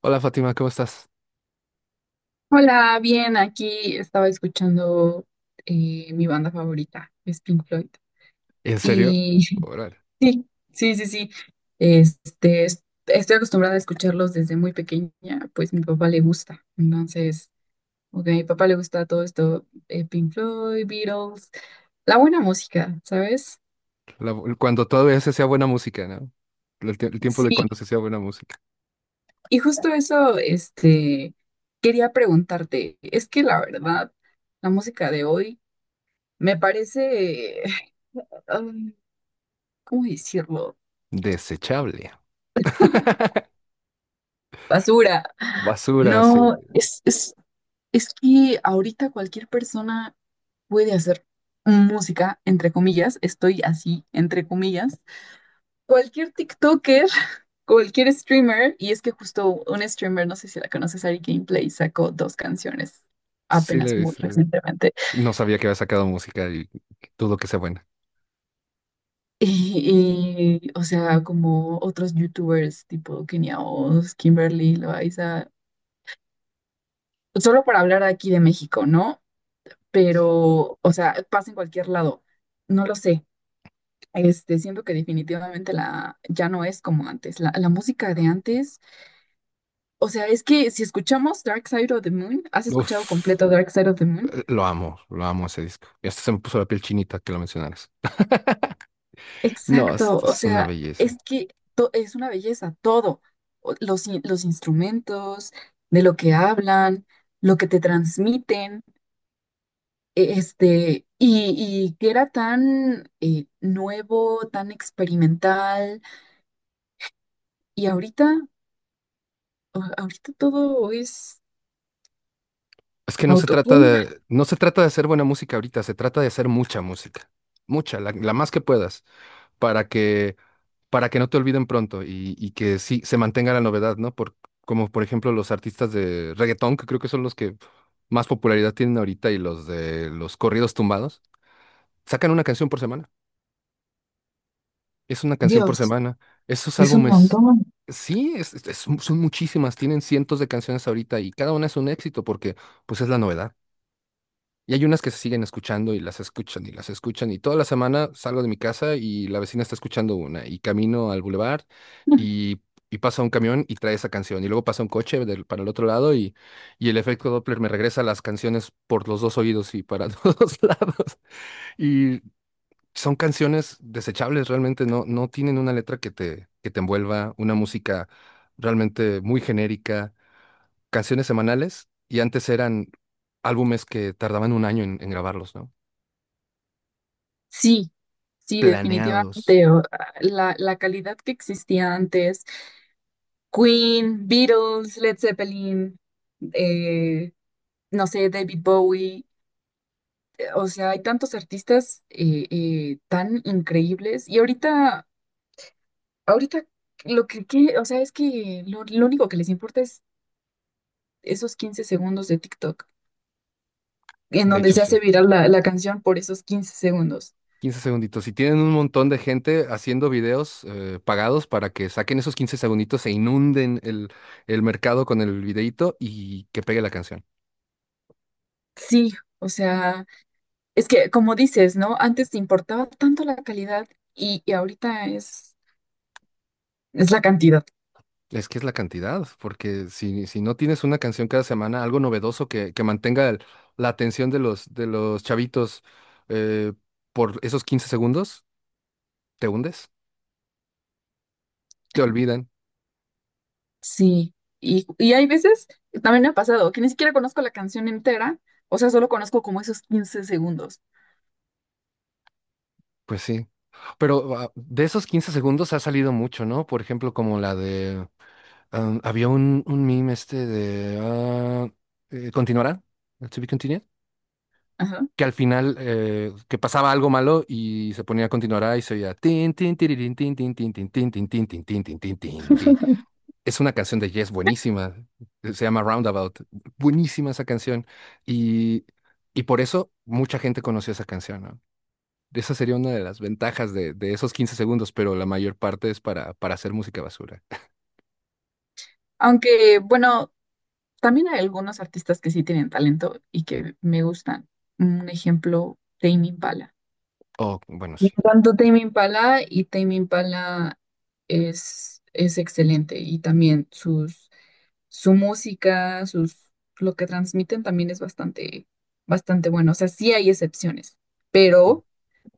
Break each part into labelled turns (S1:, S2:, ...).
S1: Hola Fátima, ¿cómo estás?
S2: Hola, bien, aquí estaba escuchando mi banda favorita, es Pink Floyd.
S1: ¿En serio?
S2: Y
S1: Órale.
S2: sí, sí, sí, sí. Este, estoy acostumbrada a escucharlos desde muy pequeña, pues mi papá le gusta. Entonces, ok, a mi papá le gusta todo esto, Pink Floyd, Beatles, la buena música, ¿sabes?
S1: Cuando todavía se hacía buena música, ¿no? El tiempo
S2: Sí,
S1: de cuando se hacía buena música.
S2: y justo eso, este, quería preguntarte, es que la verdad, la música de hoy me parece... ¿cómo decirlo?
S1: Desechable.
S2: Basura.
S1: Basura, sí.
S2: No, es que ahorita cualquier persona puede hacer música, entre comillas, estoy así, entre comillas. Cualquier TikToker, cualquier streamer, y es que justo un streamer, no sé si la conoces, Ari Gameplay, sacó dos canciones
S1: Sí le
S2: apenas muy
S1: dice.
S2: recientemente.
S1: No sabía que había sacado música y dudo que sea buena.
S2: O sea, como otros youtubers tipo Kenia Os, Kimberly, Loaiza, solo para hablar aquí de México, ¿no?, pero, o sea, pasa en cualquier lado. No lo sé. Este, siento que definitivamente la, ya no es como antes. La música de antes, o sea, es que si escuchamos Dark Side of the Moon, ¿has escuchado
S1: Uf,
S2: completo Dark Side of the Moon?
S1: lo amo ese disco. Y hasta se me puso la piel chinita que lo mencionaras. No,
S2: Exacto, o
S1: es una
S2: sea,
S1: belleza.
S2: es que es una belleza, todo. Los instrumentos, de lo que hablan, lo que te transmiten, este, y que era tan nuevo, tan experimental. Y ahorita todo es
S1: Es que no se trata
S2: autotune.
S1: de, no se trata de hacer buena música ahorita, se trata de hacer mucha música. Mucha, la más que puedas, para que para que no te olviden pronto y que sí se mantenga la novedad, ¿no? Por, como por ejemplo los artistas de reggaetón, que creo que son los que más popularidad tienen ahorita, y los de los corridos tumbados, sacan una canción por semana. Es una canción por
S2: Dios,
S1: semana. Esos
S2: es un
S1: álbumes,
S2: montón.
S1: sí, son muchísimas, tienen cientos de canciones ahorita y cada una es un éxito porque pues es la novedad. Y hay unas que se siguen escuchando y las escuchan y las escuchan. Y toda la semana salgo de mi casa y la vecina está escuchando una. Y camino al bulevar y, y pasa un camión y trae esa canción. Y luego pasa un coche para el otro lado y el efecto Doppler me regresa las canciones por los dos oídos y para todos lados. Y son canciones desechables, realmente no, no tienen una letra que te envuelva, una música realmente muy genérica. Canciones semanales y antes eran álbumes que tardaban un año en grabarlos, ¿no?
S2: Sí, sí,
S1: Planeados.
S2: definitivamente. La calidad que existía antes, Queen, Beatles, Led Zeppelin, eh, no sé, David Bowie, o sea, hay tantos artistas tan increíbles y ahorita lo o sea, es que lo único que les importa es esos 15 segundos de TikTok, en
S1: De
S2: donde
S1: hecho,
S2: se
S1: sí.
S2: hace viral la canción por esos 15 segundos.
S1: Quince segunditos. Si tienen un montón de gente haciendo videos pagados para que saquen esos 15 segunditos e inunden el mercado con el videíto y que pegue la canción.
S2: Sí, o sea, es que como dices, ¿no? Antes te importaba tanto la calidad y ahorita es la cantidad.
S1: Es que es la cantidad, porque si no tienes una canción cada semana, algo novedoso que mantenga la atención de los chavitos eh, por esos 15 segundos, te hundes, te olvidan.
S2: Sí, y hay veces, también me ha pasado, que ni siquiera conozco la canción entera, o sea, solo conozco como esos 15 segundos.
S1: Pues sí. Pero de esos 15 segundos ha salido mucho, ¿no? Por ejemplo, como la de había un meme este de continuará, to be continued,
S2: Ajá.
S1: que al final que pasaba algo malo y se ponía continuará y se oía tin tin tiririn, tin tin tin tin tin tin tin tin tin tin tin tin tin. Es una canción de Yes buenísima, se llama Roundabout, buenísima esa canción y y por eso mucha gente conoció esa canción, ¿no? Esa sería una de las ventajas de esos 15 segundos, pero la mayor parte es para hacer música basura.
S2: Aunque, bueno, también hay algunos artistas que sí tienen talento y que me gustan. Un ejemplo, Tame Impala.
S1: Oh, bueno,
S2: Me
S1: sí.
S2: encanta Tame Impala y Tame Impala es excelente y también sus su música, sus, lo que transmiten también es bastante, bastante bueno. O sea, sí hay excepciones, pero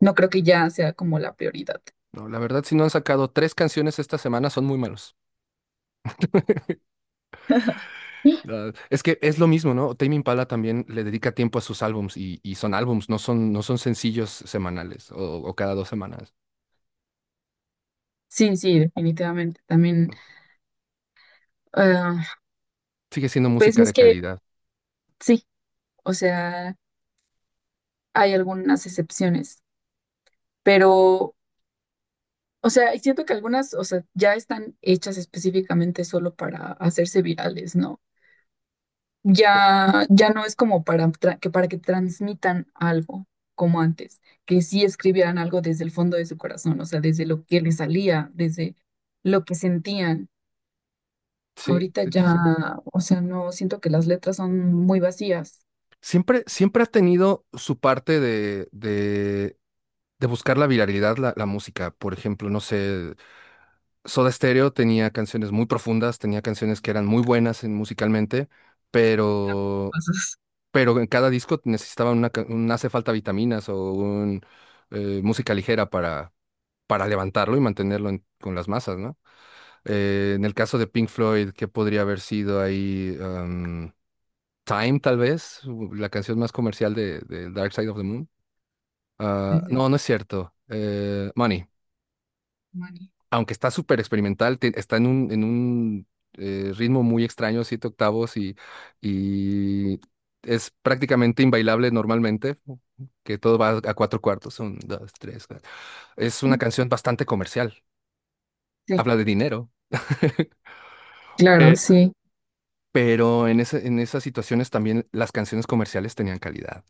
S2: no creo que ya sea como la prioridad.
S1: No, la verdad, si no han sacado tres canciones esta semana, son muy malos. Ah, es que es lo mismo, ¿no? Tame Impala también le dedica tiempo a sus álbums y son álbums, no son, no son sencillos semanales o cada dos semanas.
S2: Sí, sí, definitivamente. También, ah,
S1: Sigue siendo
S2: pues
S1: música
S2: es
S1: de
S2: que
S1: calidad.
S2: sí, o sea, hay algunas excepciones, pero, o sea, y siento que algunas, o sea, ya están hechas específicamente solo para hacerse virales, ¿no? Ya, ya no es como para, que, para que transmitan algo como antes, que sí escribieran algo desde el fondo de su corazón, o sea, desde lo que les salía, desde lo que sentían.
S1: Sí,
S2: Ahorita
S1: de hecho sí.
S2: ya, o sea, no siento que las letras son muy vacías.
S1: Siempre, siempre ha tenido su parte de buscar la viralidad, la música. Por ejemplo, no sé, Soda Stereo tenía canciones muy profundas, tenía canciones que eran muy buenas musicalmente, pero
S2: Cosas
S1: en cada disco necesitaban una, un hace falta vitaminas o un música ligera para levantarlo y mantenerlo con las masas, ¿no? En el caso de Pink Floyd, ¿qué podría haber sido ahí? Am, Time, tal vez, la canción más comercial de Dark Side of the Moon. Ah,
S2: desde
S1: no, no es cierto. Money.
S2: Mani.
S1: Aunque está súper experimental, está en un ritmo muy extraño, 7/8, y es prácticamente inbailable normalmente, que todo va a 4/4, un, dos, tres, cuatro. Es una canción bastante comercial,
S2: Sí,
S1: habla de dinero,
S2: claro,
S1: pe-
S2: sí,
S1: pero en en esas situaciones también las canciones comerciales tenían calidad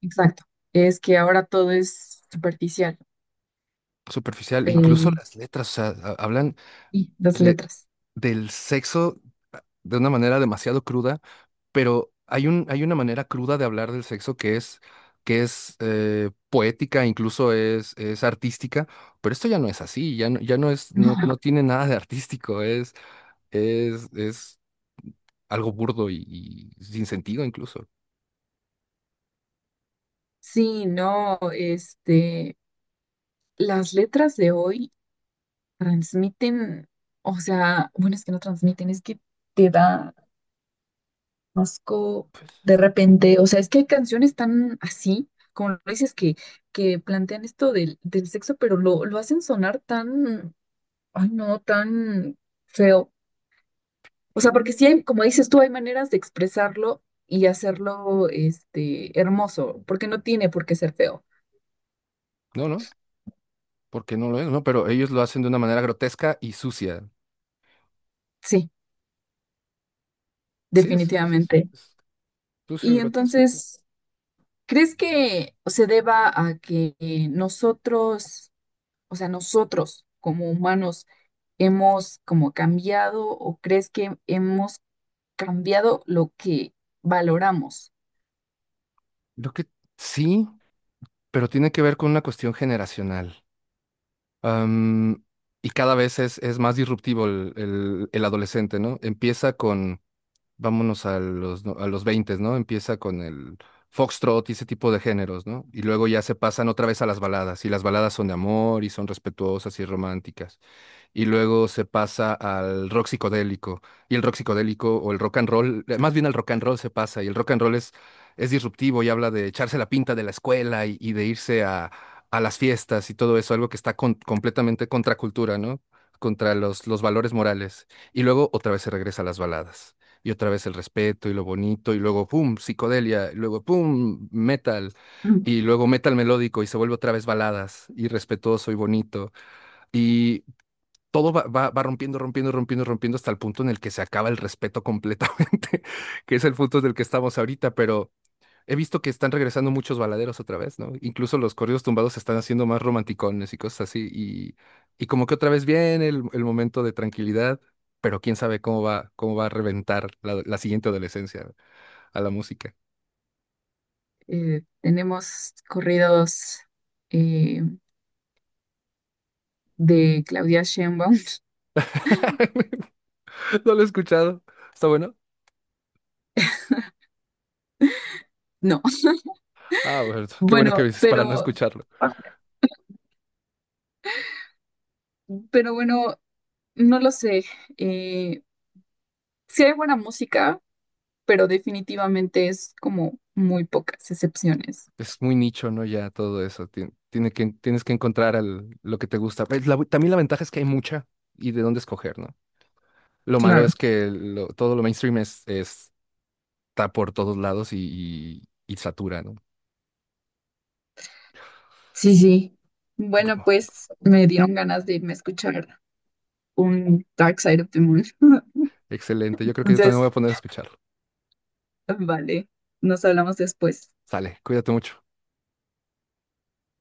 S2: exacto. Es que ahora todo es superficial.
S1: superficial, e incluso
S2: eh,
S1: las letras, o sea, hablan
S2: y las
S1: de,
S2: letras.
S1: del sexo de una manera demasiado cruda, pero hay un, hay una manera cruda de hablar del sexo que es poética, incluso es artística, pero esto ya no es así, ya no, ya no es, no,
S2: No.
S1: no tiene nada de artístico, es algo burdo y sin sentido incluso,
S2: Sí, no, este, las letras de hoy transmiten, o sea, bueno, es que no transmiten, es que te da asco de repente, o sea, es que hay canciones tan así, como lo dices, que plantean esto del sexo, pero lo hacen sonar tan, ay no, tan feo. O
S1: ¿sí?
S2: sea, porque
S1: Ujú.
S2: sí hay, como dices tú, hay maneras de expresarlo y hacerlo, este, hermoso, porque no tiene por qué ser feo.
S1: No, no, porque no lo es, ¿no? Pero ellos lo hacen de una manera grotesca y sucia.
S2: Sí,
S1: Sí,
S2: definitivamente.
S1: es sucio y
S2: Y
S1: grotesco.
S2: entonces. ¿Crees que se deba a que nosotros, o sea, nosotros como humanos hemos como cambiado o crees que hemos cambiado lo que valoramos?
S1: Lo que sí, pero tiene que ver con una cuestión generacional. Am, y cada vez es más disruptivo el adolescente, ¿no? Empieza con, vámonos a los, a los 20, ¿no? Empieza con el foxtrot y ese tipo de géneros, ¿no? Y luego ya se pasan otra vez a las baladas, y las baladas son de amor y son respetuosas y románticas y luego se pasa al rock psicodélico. Y el rock psicodélico o el rock and roll, más bien al rock and roll se pasa, y el rock and roll es disruptivo y habla de echarse la pinta de la escuela y de irse a las fiestas y todo eso, algo que está completamente contra cultura, ¿no? Contra los valores morales. Y luego otra vez se regresa a las baladas. Y otra vez el respeto y lo bonito, y luego pum, psicodelia, y luego pum, metal,
S2: Mm.
S1: y luego metal melódico, y se vuelve otra vez baladas, y respetuoso y bonito. Y todo va, va, va rompiendo, rompiendo, rompiendo, rompiendo hasta el punto en el que se acaba el respeto completamente, que es el punto del que estamos ahorita, pero he visto que están regresando muchos baladeros otra vez, ¿no? Incluso los corridos tumbados se están haciendo más romanticones y cosas así, y como que otra vez viene el momento de tranquilidad, pero quién sabe cómo va a reventar la, la siguiente adolescencia a la música.
S2: Tenemos corridos eh, de Claudia Sheinbaum.
S1: No lo he escuchado. ¿Está bueno?
S2: No,
S1: Ah, bueno, qué bueno que
S2: bueno,
S1: dices para no
S2: pero,
S1: escucharlo.
S2: pero bueno, no lo sé. Eh, sí hay buena música, pero definitivamente es como muy pocas excepciones.
S1: Es muy nicho, ¿no? Ya todo eso. Tiene que, tienes que encontrar lo que te gusta. Pues, también la ventaja es que hay mucha y de dónde escoger, ¿no? Lo malo
S2: Claro.
S1: es que todo lo mainstream es, está por todos lados y, y satura, ¿no?
S2: Sí, sí.
S1: Bu-
S2: Bueno, pues me dieron ganas de irme a escuchar un Dark Side of the Moon.
S1: Excelente. Yo creo que yo también
S2: Entonces,
S1: voy a poner a escucharlo.
S2: vale, nos hablamos después.
S1: Sale, cuídate mucho.